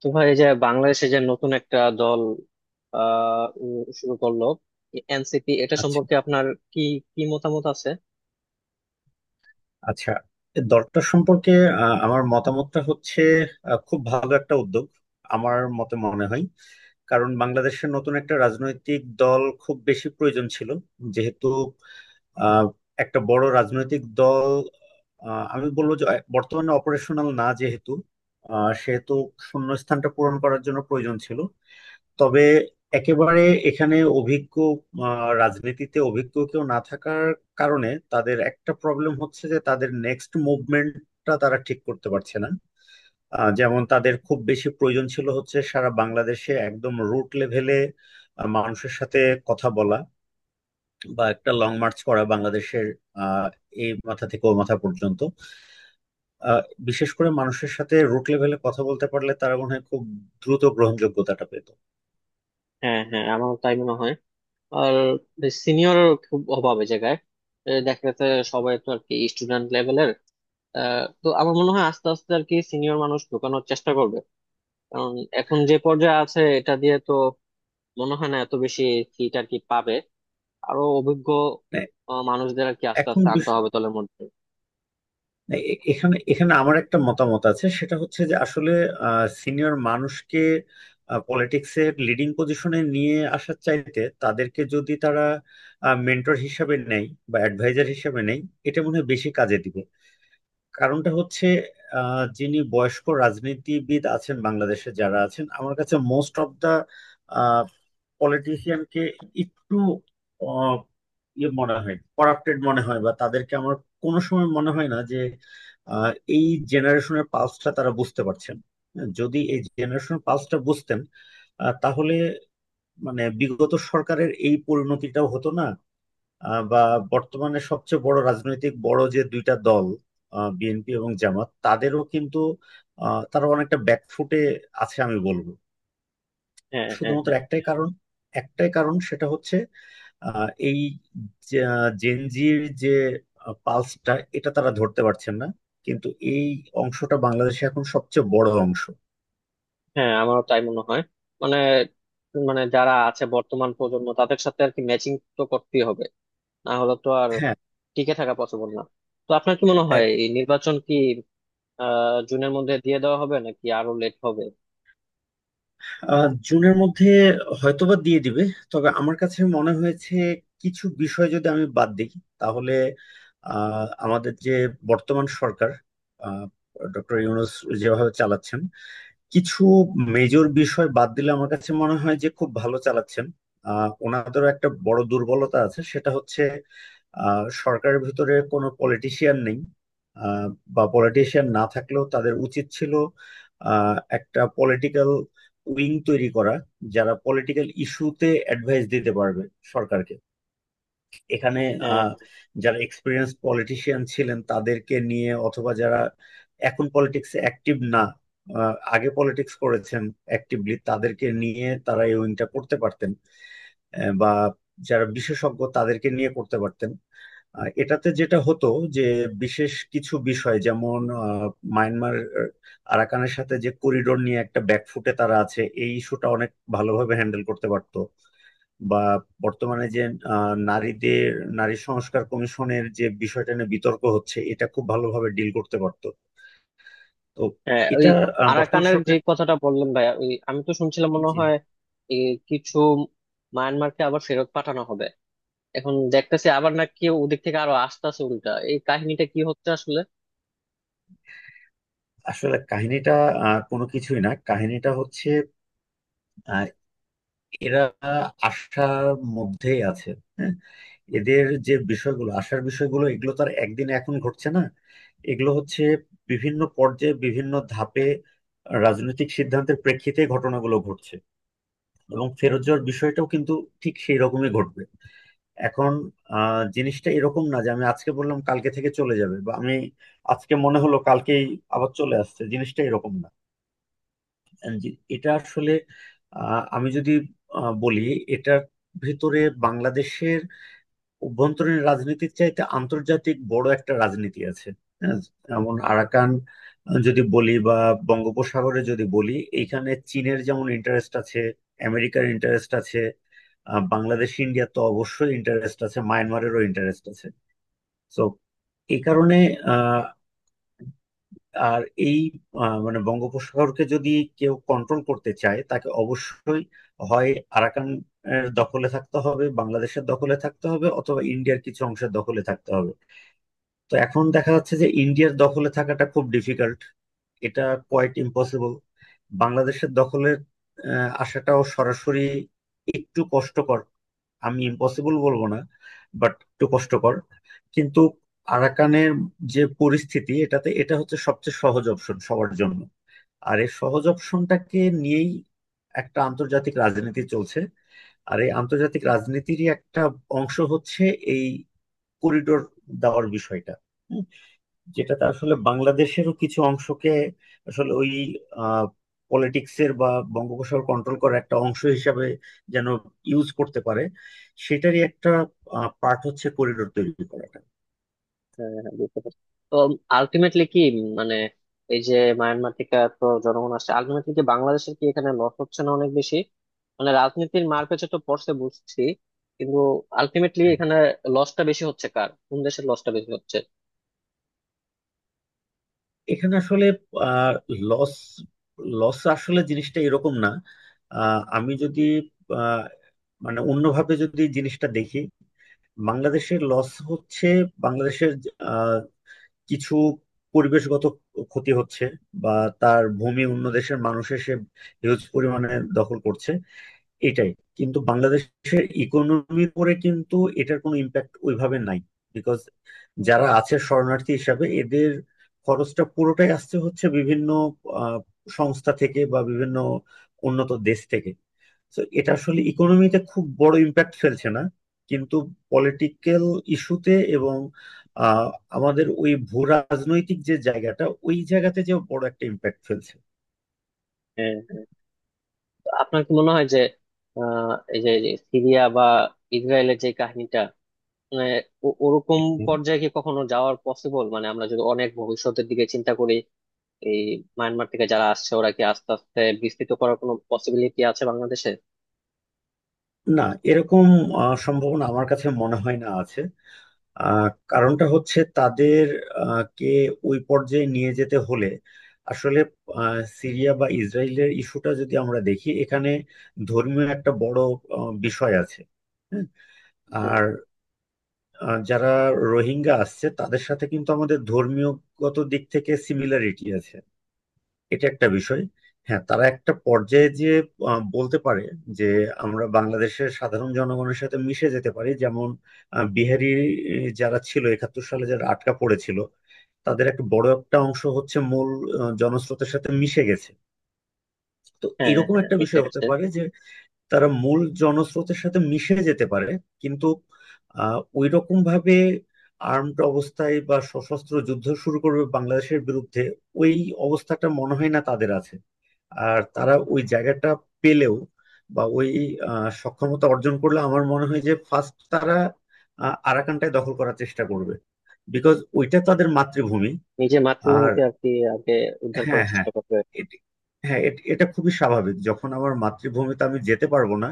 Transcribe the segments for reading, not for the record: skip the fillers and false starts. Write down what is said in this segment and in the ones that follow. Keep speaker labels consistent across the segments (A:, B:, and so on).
A: তো ভাই, এই যে বাংলাদেশে যে নতুন একটা দল শুরু করলো এনসিপি, এটা
B: আচ্ছা।
A: সম্পর্কে আপনার কি কি মতামত আছে?
B: আচ্ছা এই দলটা সম্পর্কে, আমার মতামতটা হচ্ছে খুব ভালো একটা উদ্যোগ আমার মতে মনে হয়। কারণ বাংলাদেশের নতুন একটা রাজনৈতিক দল খুব বেশি প্রয়োজন ছিল, যেহেতু আহ, একটা বড় রাজনৈতিক দল, আমি বলবো যে বর্তমানে অপারেশনাল না, যেহেতু সেহেতু শূন্যস্থানটা পূরণ করার জন্য প্রয়োজন ছিল। তবে একেবারে এখানে অভিজ্ঞ, রাজনীতিতে অভিজ্ঞ কেউ না থাকার কারণে তাদের একটা প্রবলেম হচ্ছে যে তাদের নেক্সট মুভমেন্টটা তারা ঠিক করতে পারছে না। যেমন তাদের খুব বেশি প্রয়োজন ছিল হচ্ছে সারা বাংলাদেশে একদম রুট লেভেলে মানুষের সাথে কথা বলা বা একটা লং মার্চ করা বাংলাদেশের আহ, এই মাথা থেকে ও মাথা পর্যন্ত। আহ, বিশেষ করে মানুষের সাথে রুট লেভেলে কথা বলতে পারলে তারা মনে হয় খুব দ্রুত গ্রহণযোগ্যতাটা পেত।
A: হ্যাঁ হ্যাঁ, আমার তাই মনে হয়। আর সিনিয়র খুব অভাব এই জায়গায় এ দেখা যাচ্ছে। সবাই তো আর কি স্টুডেন্ট লেভেলের। তো আমার মনে হয় আস্তে আস্তে আর কি সিনিয়র মানুষ ঢোকানোর চেষ্টা করবে। কারণ এখন যে পর্যায়ে আছে এটা দিয়ে তো মনে হয় না এত বেশি সিট আর কি পাবে। আরো অভিজ্ঞ
B: মানে
A: মানুষদের আর কি আস্তে
B: এখন
A: আস্তে আনতে হবে দলের মধ্যে।
B: না, এ- এখানে এখানে আমার একটা মতামত আছে, সেটা হচ্ছে যে আসলে সিনিয়র মানুষকে পলিটিক্সের লিডিং পজিশনে নিয়ে আসার চাইতে তাদেরকে যদি তারা মেন্টর হিসাবে নেয় বা অ্যাডভাইজার হিসাবে নেয়, এটা মনে হয় বেশি কাজে দিবে। কারণটা হচ্ছে, যিনি বয়স্ক রাজনীতিবিদ আছেন বাংলাদেশে, যারা আছেন, আমার কাছে মোস্ট অফ দা পলিটিশিয়ানকে একটু আহ, ইয়ে মনে হয়, করাপ্টেড মনে হয় বা তাদেরকে আমার কোনো সময় মনে হয় না যে আহ, এই জেনারেশনের পালসটা তারা বুঝতে পারছেন। হ্যাঁ, যদি এই জেনারেশনের পালসটা বুঝতেন, তাহলে মানে বিগত সরকারের এই পরিণতিটাও হতো না। বা বর্তমানে সবচেয়ে বড় রাজনৈতিক বড় যে দুইটা দল বিএনপি এবং জামাত, তাদেরও কিন্তু তারা অনেকটা ব্যাকফুটে আছে আমি বলবো।
A: হ্যাঁ হ্যাঁ,
B: শুধুমাত্র একটাই কারণ, একটাই কারণ, সেটা হচ্ছে এই জেনজির যে পালসটা, এটা তারা ধরতে পারছেন না। কিন্তু এই অংশটা বাংলাদেশে এখন সবচেয়ে বড় অংশ।
A: হ্যাঁ আমারও তাই মনে হয়। মানে মানে যারা আছে বর্তমান প্রজন্ম, তাদের সাথে আর কি ম্যাচিং তো করতেই হবে। না হলে তো আর
B: হ্যাঁ
A: টিকে থাকা পসিবল না। তো আপনার কি মনে
B: হ্যাঁ।
A: হয়, এই নির্বাচন কি আহ জুনের মধ্যে দিয়ে দেওয়া হবে নাকি আরো লেট হবে?
B: জুনের মধ্যে হয়তোবা দিয়ে দিবে। তবে আমার কাছে মনে হয়েছে কিছু বিষয় যদি আমি বাদ দিই, তাহলে আমাদের যে বর্তমান সরকার, ডক্টর ইউনূস যেভাবে চালাচ্ছেন, কিছু মেজর বিষয় বাদ দিলে আমার কাছে মনে হয় যে খুব ভালো চালাচ্ছেন। ওনাদেরও একটা বড় দুর্বলতা আছে, সেটা হচ্ছে সরকারের ভিতরে কোনো পলিটিশিয়ান নেই। আহ, বা পলিটিশিয়ান না থাকলেও তাদের উচিত ছিল একটা পলিটিক্যাল উইং তৈরি করা, যারা পলিটিক্যাল ইস্যুতে অ্যাডভাইস দিতে পারবে সরকারকে। এখানে
A: হ্যাঁ
B: আহ, যারা এক্সপিরিয়েন্স পলিটিশিয়ান ছিলেন তাদেরকে নিয়ে, অথবা যারা এখন পলিটিক্সে অ্যাক্টিভ না, আগে পলিটিক্স করেছেন অ্যাক্টিভলি, তাদেরকে নিয়ে তারা এই উইংটা করতে পারতেন। বা যারা বিশেষজ্ঞ তাদেরকে নিয়ে করতে পারতেন। এটাতে যেটা হতো যে বিশেষ কিছু বিষয়, যেমন মায়ানমার, আরাকানের সাথে যে করিডোর নিয়ে একটা ব্যাকফুটে তারা আছে, এই ইস্যুটা অনেক ভালোভাবে হ্যান্ডেল করতে পারতো। বা বর্তমানে যে আহ, নারীদের নারী সংস্কার কমিশনের যে বিষয়টা নিয়ে বিতর্ক হচ্ছে, এটা খুব ভালোভাবে ডিল করতে পারতো। তো
A: হ্যাঁ, ওই
B: এটা বর্তমান
A: আরাকানের যে
B: সরকার।
A: কথাটা বললেন ভাইয়া, ওই আমি তো শুনছিলাম মনে
B: জি,
A: হয় এই কিছু মায়ানমারকে আবার ফেরত পাঠানো হবে। এখন দেখতেছি আবার নাকি ওদিক থেকে আরো আসতেছে উল্টা, এই কাহিনীটা কি হচ্ছে আসলে?
B: আসলে কাহিনীটা কোনো কিছুই না, কাহিনীটা হচ্ছে আহ, এরা আশার মধ্যেই আছে। হ্যাঁ, এদের যে বিষয়গুলো, আশার বিষয়গুলো এগুলো তো আর একদিনে এখন ঘটছে না। এগুলো হচ্ছে বিভিন্ন পর্যায়ে বিভিন্ন ধাপে রাজনৈতিক সিদ্ধান্তের প্রেক্ষিতে ঘটনাগুলো ঘটছে। এবং ফেরত যাওয়ার বিষয়টাও কিন্তু ঠিক সেই রকমই ঘটবে। এখন জিনিসটা এরকম না যে আমি আজকে বললাম কালকে থেকে চলে যাবে, বা আমি আজকে মনে হলো কালকেই আবার চলে আসছে, জিনিসটা এরকম না। এটা আসলে আমি যদি বলি, এটার ভেতরে বাংলাদেশের অভ্যন্তরীণ রাজনীতির চাইতে আন্তর্জাতিক বড় একটা রাজনীতি আছে। হ্যাঁ, যেমন আরাকান যদি বলি বা বঙ্গোপসাগরে যদি বলি, এইখানে চীনের যেমন ইন্টারেস্ট আছে, আমেরিকার ইন্টারেস্ট আছে, বাংলাদেশ ইন্ডিয়ার তো অবশ্যই ইন্টারেস্ট আছে, মায়ানমারেরও ইন্টারেস্ট আছে। তো এই কারণে আহ আর এই মানে বঙ্গোপসাগরকে যদি কেউ কন্ট্রোল করতে চায়, তাকে অবশ্যই হয় আরাকান এর দখলে থাকতে হবে, বাংলাদেশের দখলে থাকতে হবে, অথবা ইন্ডিয়ার কিছু অংশের দখলে থাকতে হবে। তো এখন দেখা যাচ্ছে যে ইন্ডিয়ার দখলে থাকাটা খুব ডিফিকাল্ট, এটা কোয়াইট ইম্পসিবল। বাংলাদেশের দখলে আসাটাও সরাসরি একটু কষ্টকর। আমি ইম্পসিবল বলবো না, বাট একটু কষ্টকর। কিন্তু আরাকানের যে পরিস্থিতি, এটাতে এটা হচ্ছে সবচেয়ে সহজ অপশন সবার জন্য। আর এই সহজ অপশনটাকে নিয়েই একটা আন্তর্জাতিক রাজনীতি চলছে। আর এই আন্তর্জাতিক রাজনীতিরই একটা অংশ হচ্ছে এই করিডোর দেওয়ার বিষয়টা, যেটাতে আসলে বাংলাদেশেরও কিছু অংশকে, আসলে ওই পলিটিক্সের বা বঙ্গোপসাগর কন্ট্রোল করার একটা অংশ হিসাবে যেন ইউজ করতে পারে, সেটারই একটা পার্ট হচ্ছে করিডোর তৈরি করাটা।
A: হ্যাঁ হ্যাঁ, বুঝতে পারছি। তো আলটিমেটলি কি মানে এই যে মায়ানমার থেকে তো জনগণ আসছে, আলটিমেটলি কি বাংলাদেশের কি এখানে লস হচ্ছে না অনেক বেশি? মানে রাজনীতির মারপ্যাচে তো পড়ছে বুঝছি, কিন্তু আলটিমেটলি এখানে লসটা বেশি হচ্ছে কার, কোন দেশের লসটা বেশি হচ্ছে?
B: এখানে আসলে লস লস আসলে জিনিসটা এরকম না। আহ, আমি যদি আহ, মানে অন্যভাবে যদি জিনিসটা দেখি, বাংলাদেশের লস হচ্ছে বাংলাদেশের কিছু পরিবেশগত ক্ষতি হচ্ছে, বা তার ভূমি অন্য দেশের মানুষের সে হিউজ পরিমাণে দখল করছে, এটাই। কিন্তু বাংলাদেশের ইকোনমির উপরে কিন্তু এটার কোনো ইম্প্যাক্ট ওইভাবে নাই। বিকজ যারা আছে শরণার্থী হিসাবে, এদের খরচটা পুরোটাই আসছে হচ্ছে বিভিন্ন আহ, সংস্থা থেকে বা বিভিন্ন উন্নত দেশ থেকে। তো এটা আসলে ইকোনমিতে খুব বড় ইম্প্যাক্ট ফেলছে না। কিন্তু পলিটিক্যাল ইস্যুতে এবং আহ, আমাদের ওই ভূ রাজনৈতিক যে জায়গাটা, ওই জায়গাতে যে বড় একটা ইম্প্যাক্ট ফেলছে।
A: হ্যাঁ হ্যাঁ। তো আপনার কি মনে হয় যে আহ এই যে যে সিরিয়া বা ইসরায়েলের যে কাহিনীটা, মানে ওরকম
B: হুম।
A: পর্যায়ে কি কখনো যাওয়ার পসিবল? মানে আমরা যদি অনেক ভবিষ্যতের দিকে চিন্তা করি, এই মায়ানমার থেকে যারা আসছে ওরা কি আস্তে আস্তে বিস্তৃত করার কোনো পসিবিলিটি আছে বাংলাদেশে?
B: না, এরকম সম্ভাবনা আমার কাছে মনে হয় না আছে। কারণটা হচ্ছে তাদের কে ওই পর্যায়ে নিয়ে যেতে হলে আসলে, সিরিয়া বা ইসরায়েলের ইস্যুটা যদি আমরা দেখি, এখানে ধর্মীয় একটা বড় বিষয় আছে। হ্যাঁ।
A: হ্যাঁ
B: আর যারা রোহিঙ্গা আসছে তাদের সাথে কিন্তু আমাদের ধর্মীয়গত দিক থেকে সিমিলারিটি আছে, এটা একটা বিষয়। হ্যাঁ, তারা একটা পর্যায়ে যে বলতে পারে যে আমরা বাংলাদেশের সাধারণ জনগণের সাথে মিশে যেতে পারি, যেমন বিহারি যারা ছিল একাত্তর সালে, যারা আটকা পড়েছিল, তাদের একটা বড় একটা অংশ হচ্ছে মূল জনস্রোতের সাথে মিশে গেছে। তো
A: হ্যাঁ,
B: এরকম
A: হ্যাঁ
B: একটা
A: মিশে
B: বিষয় হতে
A: গেছে।
B: পারে যে তারা মূল জনস্রোতের সাথে মিশে যেতে পারে। কিন্তু ওই রকম ভাবে আর্মড অবস্থায় বা সশস্ত্র যুদ্ধ শুরু করবে বাংলাদেশের বিরুদ্ধে, ওই অবস্থাটা মনে হয় না তাদের আছে। আর তারা ওই জায়গাটা পেলেও, বা ওই সক্ষমতা অর্জন করলে, আমার মনে হয় যে ফার্স্ট তারা আরাকানটায় দখল করার চেষ্টা করবে, বিকজ ওইটা তাদের মাতৃভূমি।
A: নিজের
B: আর
A: মাতৃভূমিকে আর কি আগে উদ্ধার
B: হ্যাঁ,
A: করার
B: হ্যাঁ।
A: চেষ্টা করবে।
B: এটি- হ্যাঁ, এটা খুবই স্বাভাবিক, যখন আমার মাতৃভূমিতে আমি যেতে পারবো না,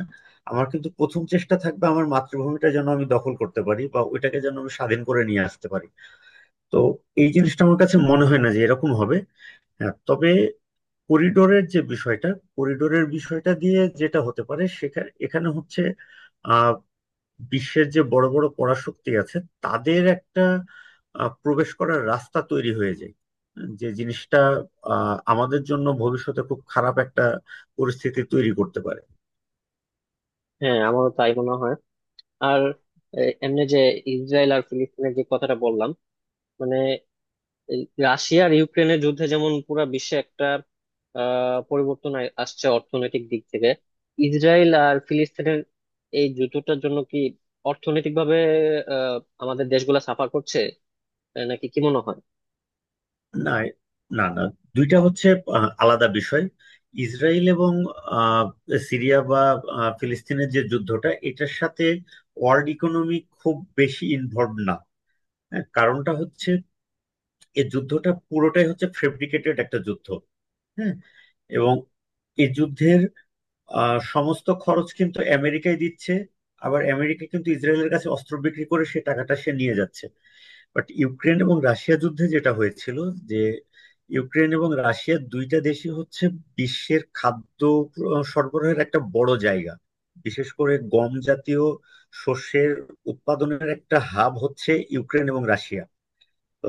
B: আমার কিন্তু প্রথম চেষ্টা থাকবে আমার মাতৃভূমিটা যেন আমি দখল করতে পারি, বা ওইটাকে যেন আমি স্বাধীন করে নিয়ে আসতে পারি। তো এই জিনিসটা আমার কাছে মনে হয় না যে এরকম হবে। হ্যাঁ, তবে করিডোরের যে বিষয়টা, করিডোরের বিষয়টা দিয়ে যেটা হতে পারে, সেখানে এখানে হচ্ছে বিশ্বের যে বড় বড় পরাশক্তি আছে, তাদের একটা প্রবেশ করার রাস্তা তৈরি হয়ে যায়, যে জিনিসটা আমাদের জন্য ভবিষ্যতে খুব খারাপ একটা পরিস্থিতি তৈরি করতে পারে।
A: হ্যাঁ আমারও তাই মনে হয়। আর এ, এমনি যে ইসরায়েল আর ফিলিস্তিনের যে কথাটা বললাম, মানে এই রাশিয়া আর ইউক্রেনের যুদ্ধে যেমন পুরো বিশ্বে একটা আহ পরিবর্তন আসছে অর্থনৈতিক দিক থেকে, ইসরায়েল আর ফিলিস্তিনের এই যুদ্ধটার জন্য কি অর্থনৈতিক ভাবে আহ আমাদের দেশগুলা সাফার করছে আহ, নাকি কি মনে হয়?
B: না, না, না, দুইটা হচ্ছে আলাদা বিষয়। ইসরায়েল এবং আহ, সিরিয়া বা ফিলিস্তিনের যে যুদ্ধটা, এটার সাথে ওয়ার্ল্ড ইকোনমি খুব বেশি ইনভলভ না। হ্যাঁ, কারণটা হচ্ছে এই যুদ্ধটা পুরোটাই হচ্ছে ফেব্রিকেটেড একটা যুদ্ধ। হ্যাঁ। এবং এই যুদ্ধের সমস্ত খরচ কিন্তু আমেরিকায় দিচ্ছে, আবার আমেরিকা কিন্তু ইসরায়েলের কাছে অস্ত্র বিক্রি করে সে টাকাটা সে নিয়ে যাচ্ছে। বাট ইউক্রেন এবং রাশিয়া যুদ্ধে যেটা হয়েছিল যে ইউক্রেন এবং রাশিয়া দুইটা দেশই হচ্ছে বিশ্বের খাদ্য সরবরাহের একটা বড় জায়গা। বিশেষ করে গম জাতীয় শস্যের উৎপাদনের একটা হাব হচ্ছে ইউক্রেন এবং রাশিয়া। তো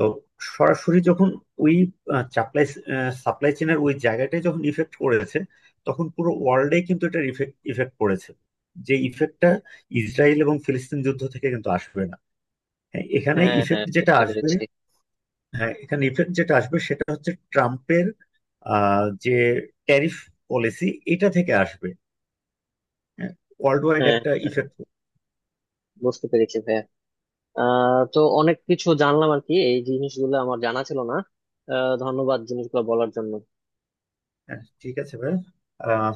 B: সরাসরি যখন ওই সাপ্লাই সাপ্লাই চেনের ওই জায়গাটায় যখন ইফেক্ট করেছে, তখন পুরো ওয়ার্ল্ডে কিন্তু এটা ইফেক্ট ইফেক্ট পড়েছে। যে ইফেক্টটা ইসরায়েল এবং ফিলিস্তিন যুদ্ধ থেকে কিন্তু আসবে না। হ্যাঁ এখানে
A: হ্যাঁ হ্যাঁ,
B: ইফেক্ট যেটা
A: বুঝতে
B: আসবে
A: পেরেছি।
B: হ্যাঁ, এখানে ইফেক্ট যেটা আসবে সেটা হচ্ছে ট্রাম্পের যে ট্যারিফ পলিসি, এটা থেকে আসবে। হ্যাঁ, ওয়ার্ল্ড ওয়াইড
A: হ্যাঁ
B: একটা
A: হ্যাঁ,
B: ইফেক্ট।
A: বুঝতে পেরেছি ভাইয়া। আহ তো অনেক কিছু জানলাম আর কি, এই জিনিসগুলো আমার জানা ছিল না। আহ ধন্যবাদ জিনিসগুলো বলার জন্য।
B: হ্যাঁ, ঠিক আছে ভাই। আহ,